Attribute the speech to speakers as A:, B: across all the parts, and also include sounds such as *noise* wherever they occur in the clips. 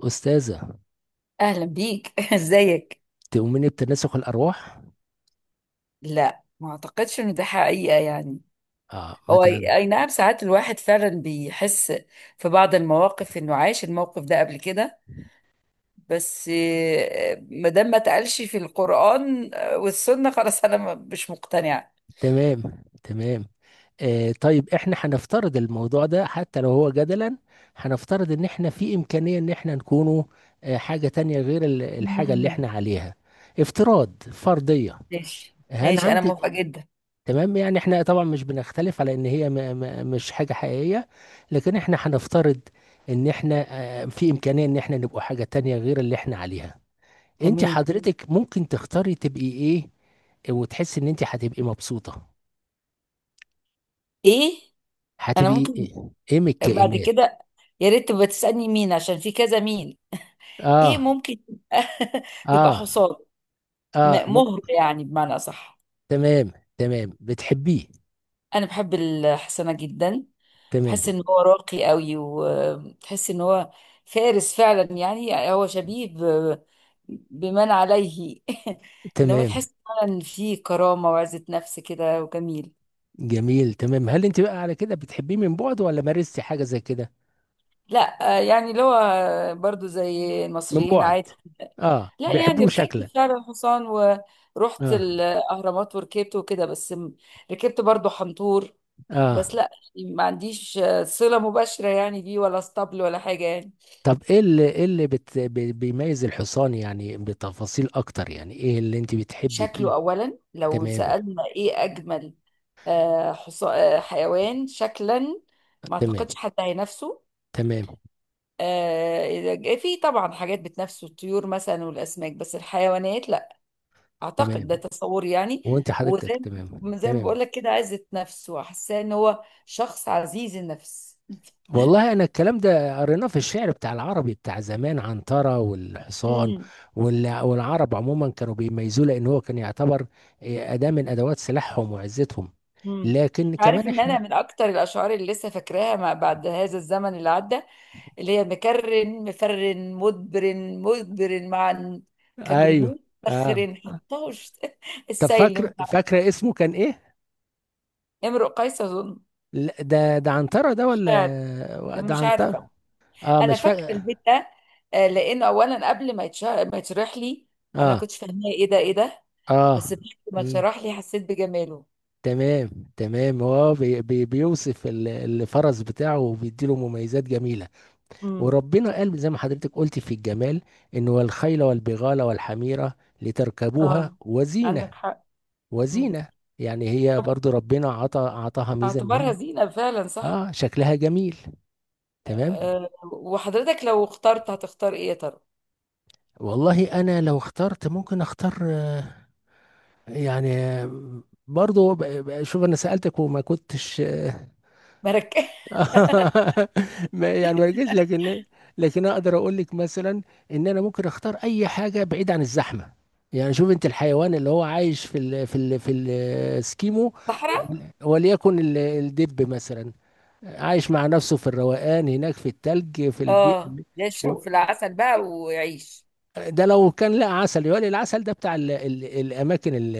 A: أستاذة،
B: اهلا بيك. *laughs* ازيك؟
A: تؤمني بتناسخ الأرواح؟
B: لا، ما اعتقدش ان ده حقيقة يعني.
A: آه ما
B: هو
A: تع-
B: اي أي نعم، ساعات الواحد فعلا بيحس في بعض المواقف انه عاش الموقف ده قبل كده. بس ما دام ما اتقالش في القرآن والسنة، خلاص انا مش مقتنعة.
A: تمام. تمام. آه طيب إحنا هنفترض الموضوع ده حتى لو هو جدلا. هنفترض إن إحنا في إمكانية إن إحنا نكونوا آه حاجة تانية غير الحاجة اللي
B: مم.
A: إحنا عليها. افتراض، فرضية.
B: ماشي
A: هل
B: ماشي، انا
A: عندك؟
B: موافقة جدا.
A: تمام، يعني إحنا طبعا مش بنختلف على إن هي مش حاجة حقيقية، لكن إحنا هنفترض إن إحنا آه في إمكانية إن إحنا نبقى حاجة تانية غير اللي إحنا عليها. انت
B: تمام.
A: حضرتك ممكن تختاري تبقي ايه وتحسي ان انت هتبقي مبسوطة؟
B: ايه. انا
A: هتبقي
B: ممكن
A: ايه؟ ايه من
B: بعد
A: الكائنات؟
B: كده يا ريت تبقى تسألني مين، عشان في كذا مين. ايه،
A: اه.
B: ممكن يبقى *laughs* يبقى
A: اه.
B: حصان.
A: اه مك...
B: مهر يعني، بمعنى صح.
A: تمام. تمام، بتحبيه؟
B: انا بحب الحسنة جدا،
A: تمام.
B: بحس ان هو راقي قوي وتحس ان هو فارس فعلا، يعني هو شبيه بمن عليه. *laughs* اللي هو
A: تمام،
B: تحس فعلا فيه كرامة وعزة نفس كده، وجميل.
A: جميل. تمام، هل انت بقى على كده بتحبيه من بعد ولا مارستي حاجة زي كده؟
B: لا يعني اللي هو برضو زي
A: من
B: المصريين
A: بعد؟
B: عادي.
A: اه
B: لا، يعني
A: بيحبوه شكلا.
B: ركبت فعلا حصان ورحت
A: اه.
B: الأهرامات وركبت وكده، بس ركبت برضو حنطور. بس
A: اه،
B: لا، يعني ما عنديش صلة مباشرة يعني بيه ولا اسطبل ولا حاجة يعني.
A: طب ايه اللي ايه اللي بيميز الحصان؟ يعني بتفاصيل اكتر، يعني ايه اللي انت بتحبي فيه؟
B: شكله أولا، لو
A: تمام.
B: سألنا إيه أجمل، حيوان شكلا ما
A: تمام.
B: أعتقدش حد هينافسه.
A: تمام.
B: آه، في طبعا حاجات بتنافسه، الطيور مثلا والأسماك، بس الحيوانات لا. أعتقد
A: تمام،
B: ده تصوري يعني.
A: وانت حضرتك؟
B: وزي
A: تمام.
B: ما- زي ما
A: تمام،
B: بقول لك كده، عزة نفسه، حاساه إن هو شخص عزيز النفس.
A: والله انا الكلام ده قريناه في الشعر بتاع العربي بتاع زمان، عنترة والحصان.
B: مم.
A: والعرب عموما كانوا بيميزوه لان هو كان يعتبر إيه، اداة من ادوات سلاحهم وعزتهم.
B: مم.
A: لكن
B: عارف
A: كمان
B: ان
A: احنا.
B: انا من اكتر الاشعار اللي لسه فاكراها ما بعد هذا الزمن اللي عدى، اللي هي: مكرن مفرن مدبر مدبر معا
A: ايوه.
B: كجلموس
A: اه،
B: مسخر حطاه *laughs*
A: طب
B: السيل
A: فاكر
B: مع.
A: فاكره اسمه كان ايه؟
B: امرؤ قيس اظن.
A: لا، ده عنترة ده
B: مش عارف-
A: ولا ده
B: مش عارفه.
A: عنترة؟ اه
B: انا
A: مش
B: فاكره
A: فاكر.
B: البيت ده لانه اولا قبل ما يتشرح لي انا
A: اه.
B: كنتش فاهماه، ايه ده ايه ده.
A: اه.
B: بس بعد ما
A: مم.
B: اتشرح لي حسيت بجماله.
A: تمام. تمام، هو بي بيوصف الفرس بتاعه وبيديله مميزات جميلة.
B: امم.
A: وربنا قال زي ما حضرتك قلت في الجمال، إن والخيل والبغال والحميرة لتركبوها
B: اه،
A: وزينة.
B: عندك حق. امم.
A: وزينة، يعني هي
B: طب
A: برضو ربنا عطاها ميزة إن
B: اعتبرها
A: هي
B: زينه فعلا، صح؟
A: آه شكلها جميل. تمام،
B: أه، وحضرتك لو اخترت هتختار ايه يا ترى؟
A: والله أنا لو اخترت ممكن أختار آه، يعني آه، برضو شوف، أنا سألتك وما كنتش *laughs*
B: مركز. *laughs*
A: *laughs* يعني مركز، لكن لكن اقدر اقول لك مثلا ان انا ممكن اختار اي حاجه بعيد عن الزحمه. يعني شوف انت الحيوان اللي هو عايش في السكيمو،
B: صحراء.
A: وليكن الدب مثلا، عايش مع نفسه في الروقان هناك في التلج في البيئه.
B: اه، يشرب
A: و-
B: في العسل بقى ويعيش.
A: ده لو كان لقى عسل يقول العسل ده بتاع ال ال الاماكن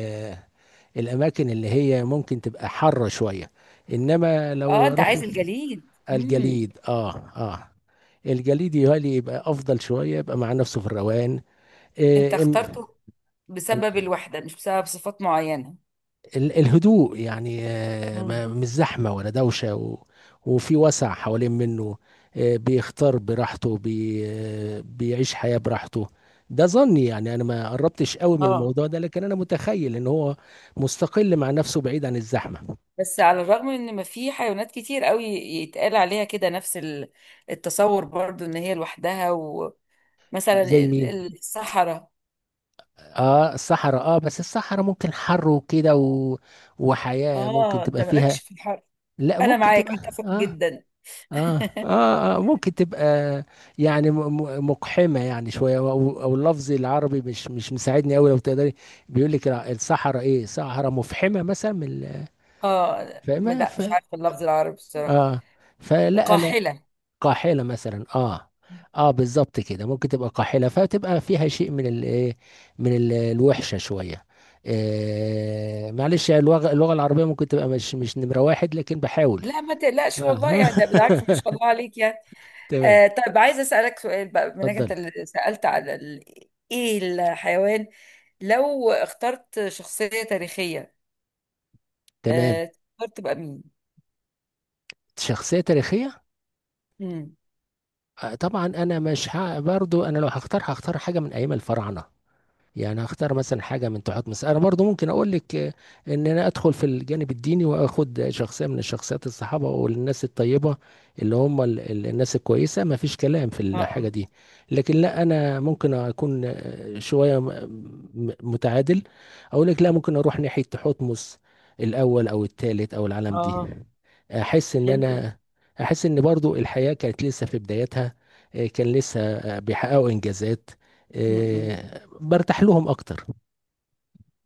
A: الاماكن اللي هي ممكن تبقى حاره شويه، انما
B: اه،
A: لو
B: انت عايز
A: رحنا
B: الجليد. امم.
A: الجليد. اه. اه، الجليد يهيألي يبقى افضل شويه، يبقى مع نفسه في الروقان.
B: انت
A: آه إم-
B: اخترته بسبب
A: أنا-
B: الوحدة، مش بسبب صفات معينة.
A: الهدوء، يعني آه
B: امم.
A: مش زحمه ولا دوشه، و وفي وسع حوالين منه، آه بيختار براحته بي آه بيعيش حياه براحته. ده ظني، يعني انا ما قربتش قوي من
B: اه،
A: الموضوع ده، لكن انا متخيل ان هو مستقل مع نفسه بعيد عن الزحمه.
B: بس على الرغم من ان ما في حيوانات كتير قوي يتقال عليها كده نفس التصور، برضو ان هي لوحدها، ومثلا
A: زي مين؟
B: الصحراء.
A: اه الصحراء. اه بس الصحراء ممكن حر وكده و... وحياة ممكن
B: اه، انت
A: تبقى
B: مالكش
A: فيها.
B: في الحر،
A: لا
B: انا
A: ممكن
B: معاك
A: تبقى.
B: اتفق
A: اه.
B: جدا.
A: اه. اه، آه ممكن تبقى يعني مقحمة يعني شوية، أو اللفظ العربي مش مساعدني قوي لو تقدري. بيقول لك الصحراء ايه، صحراء مفحمة مثلا، من
B: اه
A: فاهمة
B: لا، مش
A: ف
B: عارفه اللفظ العربي بصراحه.
A: اه فلا انا.
B: قاحلة.
A: قاحلة مثلا، اه. اه بالظبط كده، ممكن تبقى قاحلة فتبقى فيها شيء من ال إيه؟ من الوحشة شوية. آه معلش، اللغة، اللغة العربية ممكن تبقى مش نمرة واحد، لكن بحاول.
B: لا، ما تقلقش،
A: اه
B: والله يا ده بالعكس، ما شاء
A: *laughs*
B: الله عليك يعني.
A: تمام.
B: آه طيب، عايزة أسألك سؤال بقى منك أنت
A: اتفضل.
B: اللي سألت على ال... إيه الحيوان، لو اخترت شخصية تاريخية
A: تمام.
B: آه تختار تبقى مين؟
A: شخصية تاريخية؟
B: مم.
A: آه، طبعا انا مش ه... برضو انا لو هختار هختار حاجة من ايام الفراعنة، يعني هختار مثلا حاجه من تحت مصر. انا برضو ممكن اقول لك آه، ان انا ادخل في الجانب الديني واخد شخصيه من الشخصيات الصحابه والناس الطيبه، اللي هم الناس الكويسه، ما فيش كلام في
B: اه
A: الحاجه
B: اه.
A: دي. لكن لا انا ممكن اكون آه، شويه متعادل، اقول لك لا ممكن اروح ناحيه تحتمس الاول او الثالث او العالم دي.
B: آه،
A: احس ان
B: حلو.
A: انا احس ان برضو الحياه كانت لسه في بدايتها، آه، كان لسه آه، بيحققوا انجازات،
B: مم.
A: آه، برتاح لهم اكتر.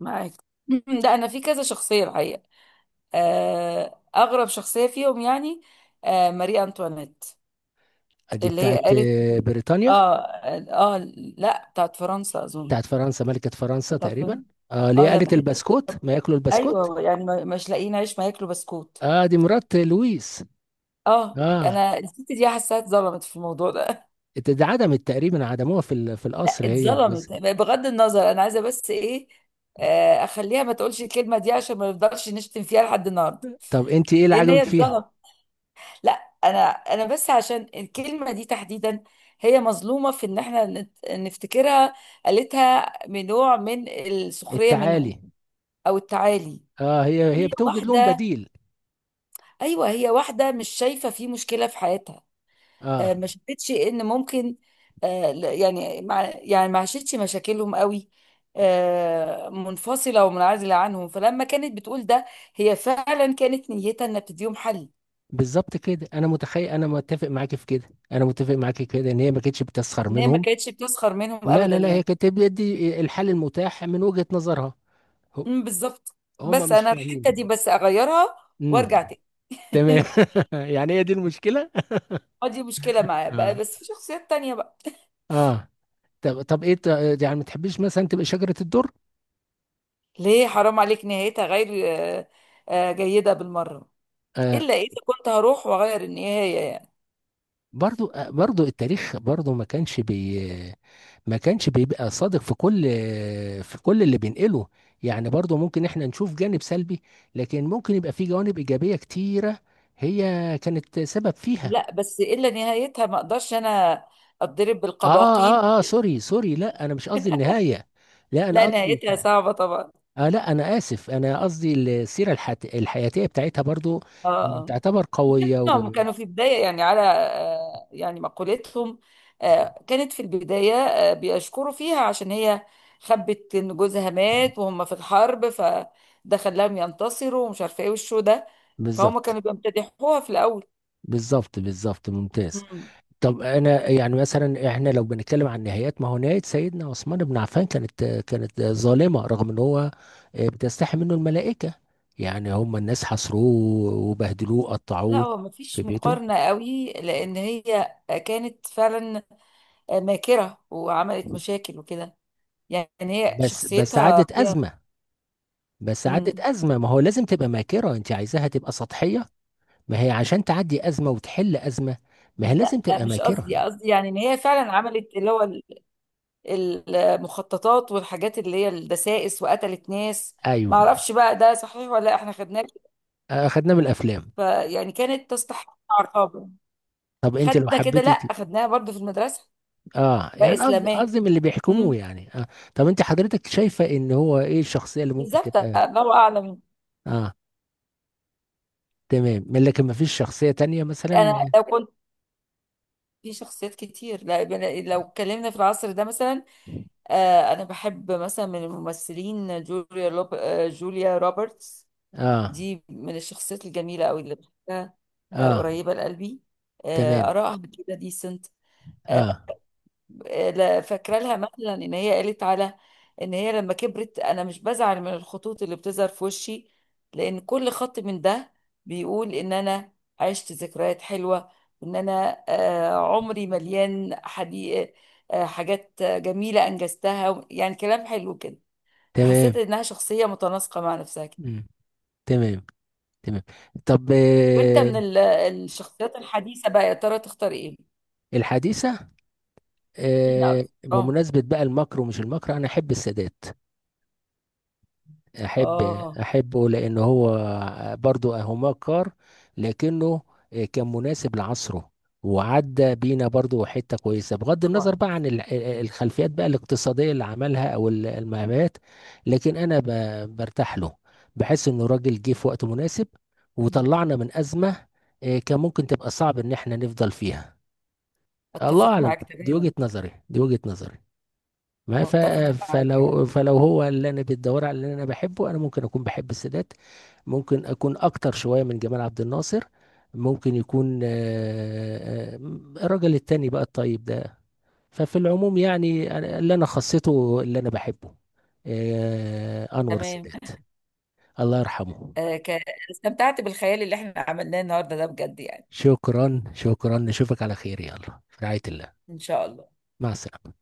B: معاك. مم. لا، أنا في كذا شخصية الحقيقة. أغرب شخصية فيهم يعني ماري أنطوانيت،
A: دي
B: اللي
A: بتاعت
B: هي قالت.
A: آه، بريطانيا؟
B: آه آه. لا، بتاعت فرنسا أظن.
A: بتاعت فرنسا، ملكة فرنسا
B: بتاعت
A: تقريبا.
B: فن-
A: اه اللي هي
B: اه،
A: قالت
B: لما حته،
A: البسكوت، ما ياكلوا البسكوت.
B: ايوه، يعني مش لاقيين عيش ما ياكلوا بسكوت.
A: اه دي مرات لويس.
B: اه،
A: اه،
B: انا الست دي حاساها اتظلمت في الموضوع ده.
A: دي عدمت، تقريبا عدموها في في
B: *laughs* لا،
A: القصر هي
B: اتظلمت
A: وجوزها.
B: بغض النظر، انا عايزه بس ايه، اخليها ما تقولش الكلمه دي، عشان ما نفضلش نشتم فيها لحد النهارده.
A: طب انت ايه اللي
B: لان
A: عجبك
B: هي
A: فيها؟
B: اتظلمت. لا. انا بس عشان الكلمه دي تحديدا، هي مظلومه في ان احنا نفتكرها قالتها من نوع من السخريه منهم،
A: التعالي.
B: او التعالي.
A: اه هي هي
B: هي
A: بتوجد لهم
B: واحده،
A: بديل.
B: ايوه، هي واحده مش شايفه في مشكله في حياتها،
A: اه
B: ما شافتش ان ممكن يعني مع يعني ما عاشتش مشاكلهم قوي، منفصله ومنعزله عنهم، فلما كانت بتقول ده هي فعلا كانت نيتها انها بتديهم حل.
A: بالظبط كده، انا متخيل، انا متفق معاكي في كده، انا متفق معاكي في كده ان هي ما كانتش بتسخر
B: ان هي ما
A: منهم.
B: كانتش بتسخر منهم
A: لا
B: ابدا
A: لا لا، هي
B: يعني.
A: كانت بتدي الحل المتاح من وجهة نظرها.
B: أمم، بالظبط.
A: هم
B: بس
A: مش
B: انا الحته دي
A: فاهمين.
B: بس اغيرها،
A: امم.
B: وارجع تاني.
A: تمام.
B: *laughs*
A: *laughs* يعني هي دي المشكلة.
B: دي مشكله معايا بقى،
A: اه.
B: بس في شخصيات تانية بقى.
A: اه. طب طب يعني ما تحبيش مثلا تبقى شجرة الدر؟
B: ليه، حرام عليك، نهايتها غير جيده بالمره،
A: آه
B: الا اذا كنت هروح واغير النهايه يعني.
A: برضو التاريخ برضو ما كانش بيبقى صادق في كل في كل اللي بينقله، يعني برضو ممكن احنا نشوف جانب سلبي، لكن ممكن يبقى في جوانب إيجابية كتيرة هي كانت سبب فيها.
B: لا، بس الا نهايتها، ما اقدرش انا اتضرب
A: اه.
B: بالقباقيب.
A: اه. اه سوري سوري، لا انا مش قصدي النهاية، لا انا
B: لا،
A: قصدي،
B: نهايتها صعبه طبعا.
A: آه لا أنا آسف، أنا قصدي الحياتية بتاعتها برضو
B: اه آه.
A: تعتبر قوية و...
B: لانهم كانوا في بدايه يعني، على يعني مقولتهم، كانت في البدايه بيشكروا فيها، عشان هي خبت ان جوزها مات وهم في الحرب، فده خلاهم ينتصروا ومش عارفه ايه والشو ده. فهم
A: بالظبط.
B: كانوا بيمتدحوها في الاول.
A: بالظبط. بالظبط ممتاز.
B: مم.
A: طب أنا يعني مثلا إحنا لو بنتكلم عن نهايات، ما هو نهاية سيدنا عثمان بن عفان كانت ظالمة، رغم إن هو آه، بتستحي منه الملائكة، يعني هم الناس حصروه وبهدلوه
B: لا،
A: قطعوه
B: هو
A: في
B: مفيش
A: بيته.
B: مقارنة قوي، لأن هي كانت فعلا ماكرة وعملت مشاكل وكده، يعني هي
A: بس
B: شخصيتها
A: عادت
B: فيها.
A: أزمة، بس عادت
B: مم.
A: أزمة، ما هو لازم تبقى ماكرة، أنت عايزاها تبقى سطحية؟ ما هي عشان تعدي أزمة وتحل أزمة ما هي لازم
B: لا،
A: تبقى
B: مش
A: ماكرة.
B: قصدي، قصدي يعني ان هي فعلا عملت اللي هو المخططات والحاجات اللي هي الدسائس، وقتلت ناس. ما
A: أيوه.
B: اعرفش بقى ده صحيح ولا لا، احنا خدناه كده.
A: آه، خدناه من الأفلام.
B: فيعني كانت تستحق عقابا.
A: طب أنت لو
B: خدنا كده، لا خدناها برضو في المدرسة.
A: آه
B: بقى
A: يعني قصدي،
B: اسلاماه.
A: قصدي من اللي بيحكموه،
B: مم.
A: يعني آه. طب أنت حضرتك شايفة إن هو إيه الشخصية اللي ممكن
B: بالظبط،
A: تبقى؟
B: الله اعلم.
A: آه. تمام، من، لكن ما فيش شخصية تانية مثلا؟
B: انا لو كنت، في شخصيات كتير، لو اتكلمنا في العصر ده مثلا، انا بحب مثلا من الممثلين جوليا لوب... آه، جوليا روبرتس.
A: آه.
B: دي من الشخصيات الجميله قوي اللي بحبها،
A: آه.
B: قريبه لقلبي،
A: تمام.
B: ارائها كده ديسنت.
A: آه
B: فاكره لها مثلا ان هي قالت على ان هي لما كبرت: انا مش بزعل من الخطوط اللي بتظهر في وشي، لان كل خط من ده بيقول ان انا عشت ذكريات حلوه، وان انا عمري مليان حديقة، حاجات جميله انجزتها، يعني كلام حلو كده. فحسيت
A: تمام.
B: انها شخصيه متناسقه مع نفسها كده.
A: مم. تمام. تمام. طب
B: وانت
A: آه،
B: من الشخصيات الحديثه بقى، يا ترى تختار ايه؟
A: الحديثة؟
B: مين
A: آه
B: أكتر؟ اه
A: بمناسبة بقى المكر ومش المكر، أنا أحب السادات.
B: اه.
A: احبه لان هو برضو هوماكار، لكنه كان مناسب لعصره وعدى بينا برضو حتة كويسة، بغض النظر
B: طبعا.
A: بقى عن الخلفيات بقى الاقتصادية اللي عملها او المهمات. لكن انا برتاح له، بحس انه راجل جه في وقت مناسب وطلعنا من أزمة، آه، كان ممكن تبقى صعب ان احنا نفضل فيها. الله
B: اتفق
A: اعلم،
B: معاك
A: دي
B: تماما.
A: وجهة نظري، دي وجهة نظري. ما ف...
B: متفقة معاك يعني.
A: فلو فلو هو اللي انا بتدور على اللي انا بحبه انا، ممكن اكون بحب السادات، ممكن اكون اكتر شويه من جمال عبد الناصر، ممكن يكون آه، آه، الراجل التاني بقى الطيب ده. ففي العموم يعني اللي انا خصيته اللي انا بحبه آه، انور
B: تمام.
A: السادات، الله يرحمه.
B: آه، ك- استمتعت بالخيال اللي احنا عملناه النهاردة ده بجد يعني.
A: شكرا شكرا، نشوفك على خير، يلا في رعايه الله،
B: إن شاء الله.
A: مع السلامه.